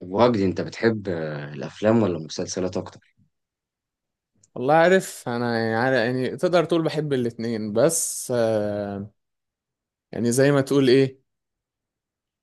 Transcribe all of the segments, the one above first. وجدي انت بتحب الافلام ولا المسلسلات اكتر؟ والله عارف انا يعني تقدر تقول بحب الاتنين بس يعني زي ما تقول ايه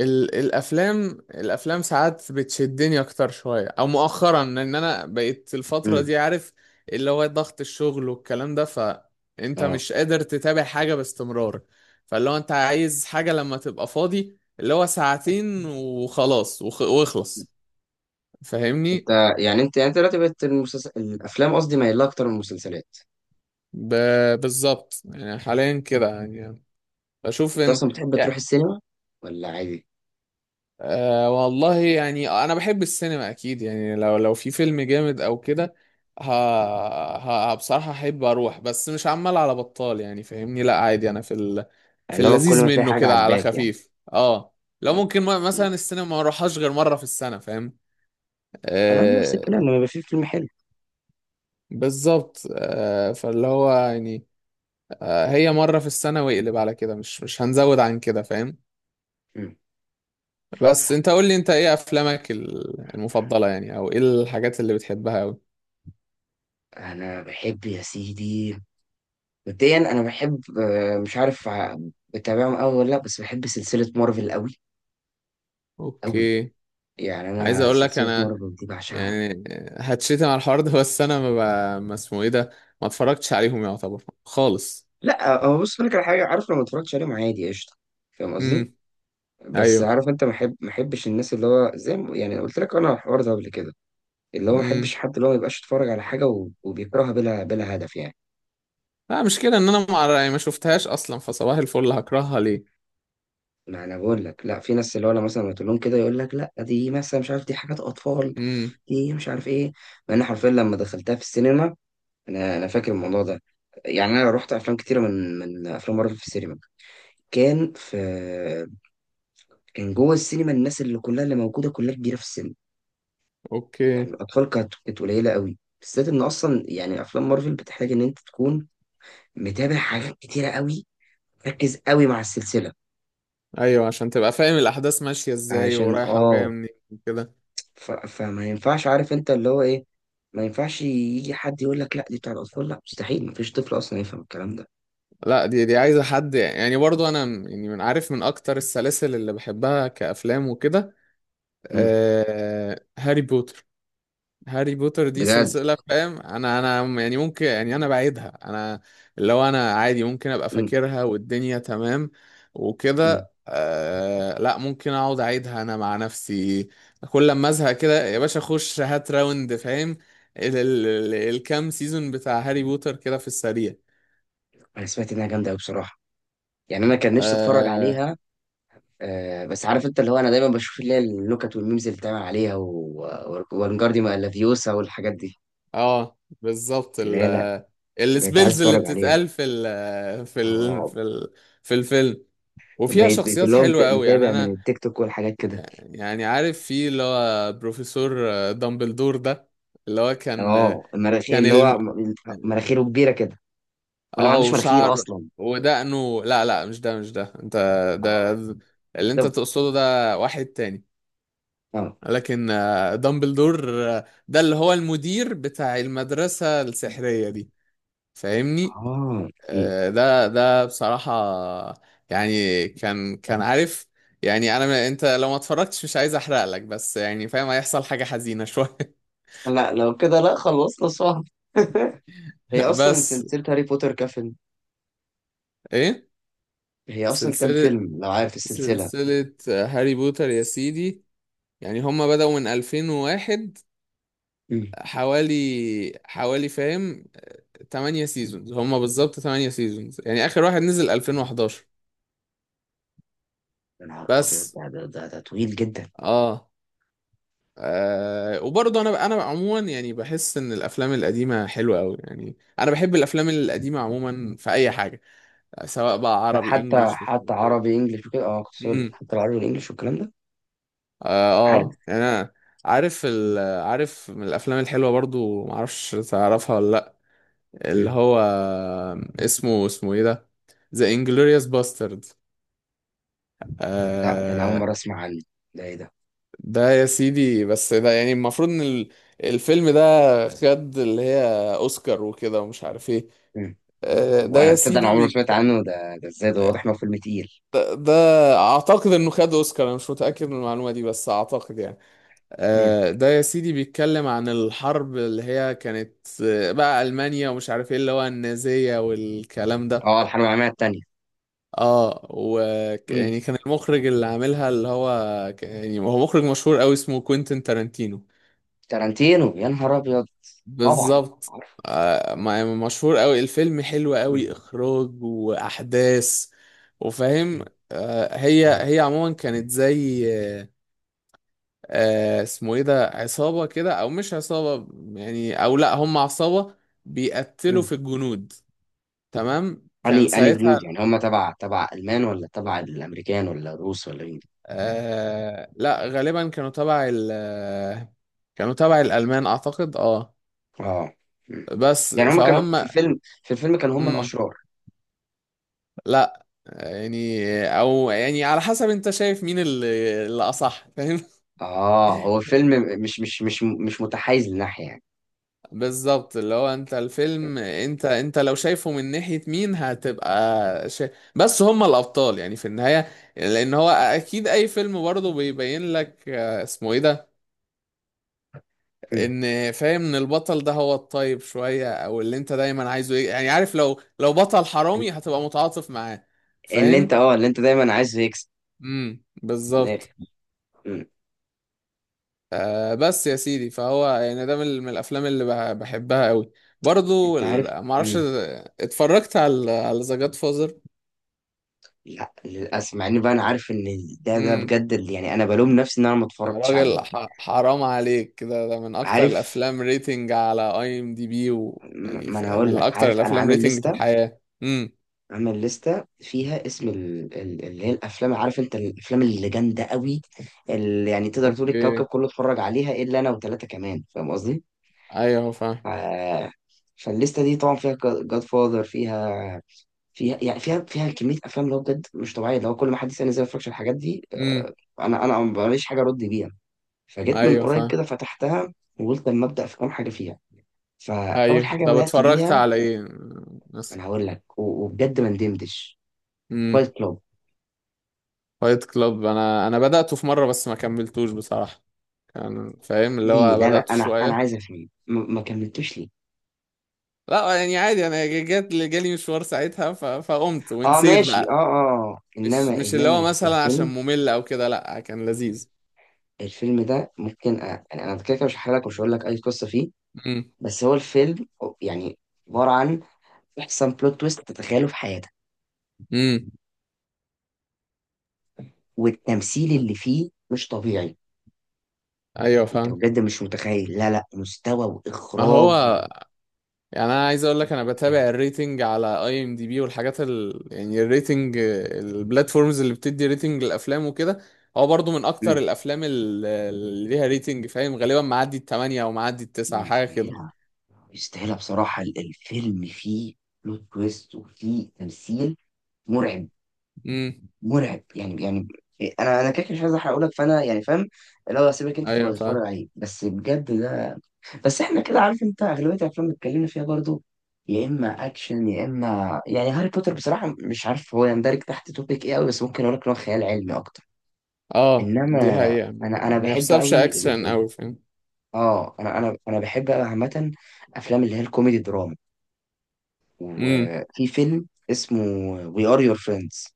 الافلام ساعات بتشدني اكتر شوية او مؤخرا لان انا بقيت الفترة امم. دي عارف اللي هو ضغط الشغل والكلام ده. فانت اه. مش قادر تتابع حاجة باستمرار. فاللي هو انت عايز حاجة لما تبقى فاضي اللي هو ساعتين وخلاص واخلص انت فاهمني. انت دلوقتي بقت المسلسل الافلام قصدي مايلة اكتر من المسلسلات؟ بالظبط يعني حاليا كده يعني بشوف انت ان اصلا بتحب تروح السينما ولا عادي؟ أه والله يعني انا بحب السينما اكيد يعني لو في فيلم جامد او كده. ه... بصراحة احب اروح بس مش عمال على بطال يعني فاهمني. لا عادي انا في اللي هو كل اللذيذ ما تلاقي منه حاجه كده على عجباك يعني. خفيف اه. لو اه. ممكن مم. مثلا السينما ما اروحهاش غير مرة في السنة فاهم. انا نفس الكلام أه لما يبقى في فيلم حلو. بالظبط أه فاللي هو يعني أه هي مرة في السنة واقلب على كده، مش هنزود عن كده فاهم. مم. بس انت قول لي انت ايه افلامك المفضلة يعني او ايه الحاجات اللي بتحبها أوي. انا بحب يا سيدي، مبدئيا انا بحب، مش عارف بتابعهم قوي ولا لا، بس بحب سلسله مارفل قوي قوي. اوكي يعني عايز انا اقول لك سلسله انا مارفل دي بعشقها. يعني هتشتم على الحوار ده بس انا ما, ب... ما اسمه ايه ده، ما اتفرجتش عليهم يعتبر خالص. لا هو بص لك على حاجه، عارف، لو ما اتفرجتش عليهم عادي قشطه، فاهم امم. قصدي؟ بس ايوه. عارف انت، ما احب ما احبش الناس اللي هو زي ما يعني قلت لك انا على الحوار ده قبل كده، اللي هو ما احبش امم. حد اللي هو ما يبقاش يتفرج على حاجه وبيكرهها بلا بلا هدف يعني. لا مشكلة ان انا ما أعرف- يعني ما شفتهاش اصلا، فصباح الفل هكرهها ليه. ما انا بقول لك، لا في ناس اللي هو انا مثلا لما تقول لهم كده يقول لك لا، دي مثلا مش عارف، دي حاجات اطفال، امم. دي مش عارف ايه. مع ان حرفيا لما دخلتها في السينما، انا فاكر الموضوع ده، يعني انا رحت افلام كتيره من من افلام مارفل في السينما. كان في، كان جوه السينما الناس اللي كلها اللي موجوده كلها كبيره في السن، اوكي. يعني الأطفال كانت قليلة قوي، بالذات إن أصلا يعني أفلام مارفل بتحتاج إن أنت تكون متابع حاجات كتيرة قوي، مركز قوي مع السلسلة ايوه عشان تبقى فاهم الاحداث ماشية ازاي عشان ورايحة وجاية آه. منين وكده. فما ينفعش، عارف أنت اللي هو إيه، ما ينفعش يجي حد يقول لك لا دي بتاع الأطفال. لا، مستحيل، مفيش طفل أصلا يفهم الكلام ده. لا دي عايزة حد يعني. برضو يعني من عارف من اكتر السلاسل اللي بحبها كافلام وكده امم. هاري بوتر. هاري بوتر دي بجد. سلسلة فاهم. انا يعني ممكن يعني انا بعيدها انا، اللي هو انا عادي ممكن ابقى امم. فاكرها والدنيا تمام امم. وكده آه. لا ممكن اقعد اعيدها انا مع نفسي كل لما ازهق كده يا باشا اخش هات راوند فاهم، ال الكام سيزون بتاع هاري بوتر كده في السريع. أنا سمعت إنها جامدة قوي بصراحة، يعني أنا كان نفسي أتفرج اه. عليها. آه بس عارف انت، اللي هو انا دايما بشوف اللي هي مم. النكت والميمز اللي بتعمل عليها وانجارديوم الافيوسا والحاجات دي، بالظبط اللي ال هي بقيت عايز السبيلز اللي اتفرج عليها. بتتقال في ال في ال اه، في ال في الفيلم، وفيها بقيت بقيت شخصيات اللي هو حلوة قوي يعني متابع من انا التيك توك والحاجات كده. يعني عارف في اللي هو بروفيسور دامبلدور ده اللي هو كان اه المراخير كان اللي هو الم... مناخيره كبيره كده، ولا ما اه عندوش مناخير وشعر اصلا؟ ودقنه. لا لا مش ده، مش ده انت، ده اه. اللي ده. انت تقصده ده واحد تاني. اه. لكن دامبلدور ده اللي هو المدير بتاع المدرسة السحرية دي اه فاهمني. م. ده ده بصراحة يعني كان عارف يعني انا انت لو ما اتفرجتش مش عايز احرق لك بس يعني فاهم هيحصل حاجة حزينة شوية. لا لو كده لا، خلصنا صح. هي اصلا بس سلسله هاري بوتر كفن، ايه؟ هي اصلا كام سلسلة، فيلم لو عارف السلسله؟ سلسلة هاري بوتر يا سيدي يعني هما بدأوا من 2001 مم. حوالي، حوالي فاهم 8 سيزونز هما بالظبط. 8 سيزونز يعني آخر واحد نزل 2011. يا نهار ابيض، بس ده طويل جدا. اه, آه. وبرضه انا انا عموما يعني بحس ان الافلام القديمة حلوة قوي. يعني انا بحب الافلام القديمة عموما في اي حاجة، سواء بقى عربي حتى انجليش مش حتى عارف عربي انجلش وكده، اه كنت هقول لك، ايه. حتى العربي والانجلش والكلام ده. اه عارف. يعني انا عارف عارف من الافلام الحلوه برضو معرفش تعرفها ولا لا، اللي مم. هو اسمه ايه ده، ذا انجلوريوس باسترد لا ده انا اول آه. مره اسمع عنه، ده ايه ده؟ ده يا سيدي بس ده يعني المفروض ان الفيلم ده خد اللي هي اوسكار وكده ومش عارف ايه. مم. آه ده وانا يا تصدق انا سيدي عمري ما سمعت عنه، ده ازاي ده؟ آه، واضح انه فيلم تقيل. ده اعتقد انه خد اوسكار. انا مش متاكد من المعلومه دي بس اعتقد يعني مم. ده يا سيدي بيتكلم عن الحرب اللي هي كانت بقى ألمانيا ومش عارف ايه اللي هو النازية والكلام ده. اه الحرب العالميه الثانيه. اه و يعني كان المخرج اللي عاملها اللي هو يعني هو مخرج مشهور قوي اسمه كوينتين تارانتينو. تارانتينو، يا نهار ابيض، طبعا بالظبط عارف. مم. يعني مشهور قوي. الفيلم حلو مم. قوي إخراج وأحداث وفاهم. هي مم. هي عموما كانت زي اسمه ايه ده عصابة كده او مش عصابة يعني. او لا هم عصابة بيقتلوا مم. في الجنود تمام اني كان اني ساعتها. جنود يعني هم تبع تبع المان ولا تبع الامريكان ولا الروس ولا مين؟ آه لا غالبا كانوا تبع ال آه، كانوا تبع الألمان اعتقد اه. اه. مم. بس يعني هم كانوا فهم. في الفيلم، في الفيلم كانوا هم امم. الاشرار؟ لا يعني او يعني على حسب انت شايف مين اللي اصح فاهم. اه هو الفيلم مش متحيز لناحيه يعني. بالظبط اللي هو انت الفيلم انت لو شايفه من ناحية مين هتبقى شا... بس هم الابطال يعني في النهاية، لان هو اكيد اي فيلم برضه بيبين لك اسمه ايه ده مم. ان فاهم ان البطل ده هو الطيب شوية او اللي انت دايما عايزه ايه يعني عارف لو بطل حرامي هتبقى متعاطف معاه اللي انت، فاهم. اه، اللي انت دايما عايز يكسب. بالظبط. مم. آه بس يا سيدي فهو يعني ده من الافلام اللي بحبها قوي. برضو انت عارف. معرفش مم. اتفرجت على ذا جاد. لا للاسف، مع ان بقى انا عارف ان ده امم. بجد اللي يعني انا بلوم نفسي ان انا ما يا اتفرجتش راجل عليه. حرام عليك، ده من اكتر عارف. الافلام ريتنج على اي ام دي بي ويعني ما انا هقول من لك، اكتر عارف، انا الافلام عامل ريتنج في لستة، الحياة. امم. عامل لستة فيها اسم اللي هي الافلام، عارف انت، الافلام اللي جامده قوي، اللي يعني تقدر تقول الكوكب اوكي. كله اتفرج عليها الا انا وثلاثه كمان، فاهم قصدي؟ ايوه فاهم. ف- فالليسته دي طبعا فيها جاد فاذر، فيها، فيها يعني فيها كميه افلام اللي هو بجد مش طبيعيه. لو كل ما حد يسالني ازاي ما بتفرجش على الحاجات دي، آه، امم. انا ماليش حاجه ارد بيها. فجيت من ايوه قريب فاهم. كده فتحتها وقلت اما ابدا في كام حاجه فيها، فاول ايوه حاجه ده بدات اتفرجت بيها، على ايه مثلا؟ انا هقول لك وبجد ما ندمتش، امم. فايت كلوب. فايت كلاب، انا بدأته في مرة بس ما كملتوش بصراحة. كان فاهم اللي ليه؟ هو لا لا بدأته انا شوية. عايز افهم، ما كملتوش ليه؟ لا يعني عادي انا جات جالي مشوار ساعتها فقمت اه ونسيت ماشي، اه اه بقى. آه. مش انما مش اللي انما هو مثلا عشان الفيلم، ممل او كده، لا كان لذيذ. الفيلم ده ممكن يعني انا كده كده مش هحكي لك ومش هقول لك اي قصه فيه، امم. بس هو الفيلم يعني عباره عن احسن بلوت تويست تتخيله في حياتك، امم. والتمثيل اللي فيه مش طبيعي. ايوه انت فاهم. بجد مش متخيل، لا لا، مستوى ما واخراج هو يعني انا عايز اقول لك مش انا بتابع طبيعي. الريتنج على اي ام دي بي والحاجات يعني الريتنج البلاتفورمز اللي بتدي ريتنج للافلام وكده. هو برضو من اكتر مم. الافلام اللي ليها ريتنج فاهم. غالبا معدي التمانية او معدي التسعة حاجه كده. ويستاهلها، يستاهلها بصراحه. الفيلم فيه بلوت تويست وفيه تمثيل مرعب، امم. مرعب يعني يعني إيه، انا كده كده مش عايز احرق لك، فانا يعني فاهم لو هسيبك انت تبقى ايوه فاهم. تتفرج عليه، بس بجد ده. بس احنا كده عارف انت اغلبيه الافلام اللي اتكلمنا فيها برضو يا اما اكشن يا اما يعني هاري بوتر، بصراحه مش عارف هو يندرج تحت توبيك ايه قوي، بس ممكن اقول لك ان هو خيال علمي اكتر. اه انما دي حقيقة انا ما بحب يحسبش قوي اكشن اوي فاهم. اه انا بحب قوي عامه افلام اللي هي الكوميدي دراما. امم. وفي فيلم اسمه وي ار يور فريندز،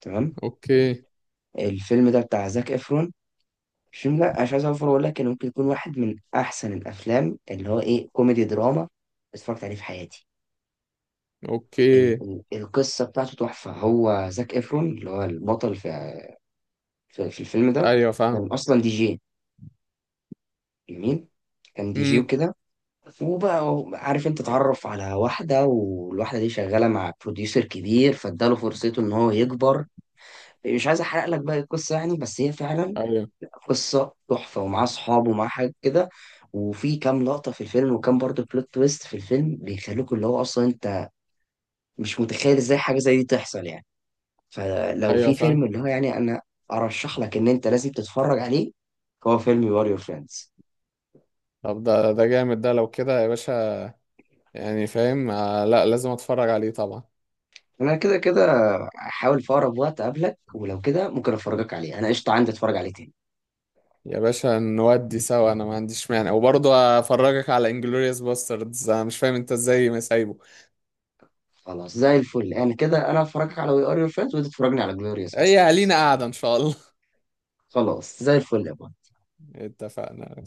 تمام؟ اوكي. الفيلم ده بتاع زاك افرون. الفيلم ده أنا مش عايز اوفر، اقول لك انه ممكن يكون واحد من احسن الافلام اللي هو ايه كوميدي دراما اتفرجت عليه في حياتي. ال اوكي. ال القصة بتاعته تحفة، هو زاك إفرون اللي هو البطل في في الفيلم ده ايوه كان فاهم. أصلا دي جي. جميل. كان دي جي امم. وكده، وبقى عارف أنت، اتعرف على واحدة، والواحدة دي شغالة مع بروديوسر كبير، فاداله فرصته إن هو يكبر. مش عايز أحرق لك باقي القصة يعني، بس هي فعلا ايوه. قصة تحفة، ومعاه صحاب ومعاه حاجة كده، وفي كام لقطة في الفيلم وكام برضه بلوت تويست في الفيلم بيخلوك اللي هو أصلا أنت مش متخيل إزاي حاجة زي دي تحصل يعني. فلو ايوه في فيلم فاهم. اللي هو يعني انا ارشح لك ان انت لازم تتفرج عليه، هو فيلم يور يور فريندز. طب ده ده جامد ده لو كده يا باشا. يعني فاهم آه لا لازم اتفرج عليه طبعا. انا كده كده هحاول في اقرب وقت اقابلك ولو كده ممكن افرجك عليه، انا قشطه عندي اتفرج عليه تاني. يا باشا نودي سوا انا ما عنديش مانع وبرضه افرجك على انجلوريوس باستردز. انا مش فاهم انت ازاي ما سايبه. خلاص زي الفل، انا كده انا افرجك على وي ار يور فريندز وانت تتفرجني على جلوريوس هي باستردز. لينا قاعده ان شاء الله. خلاص زي الفل يا بابا. اتفقنا.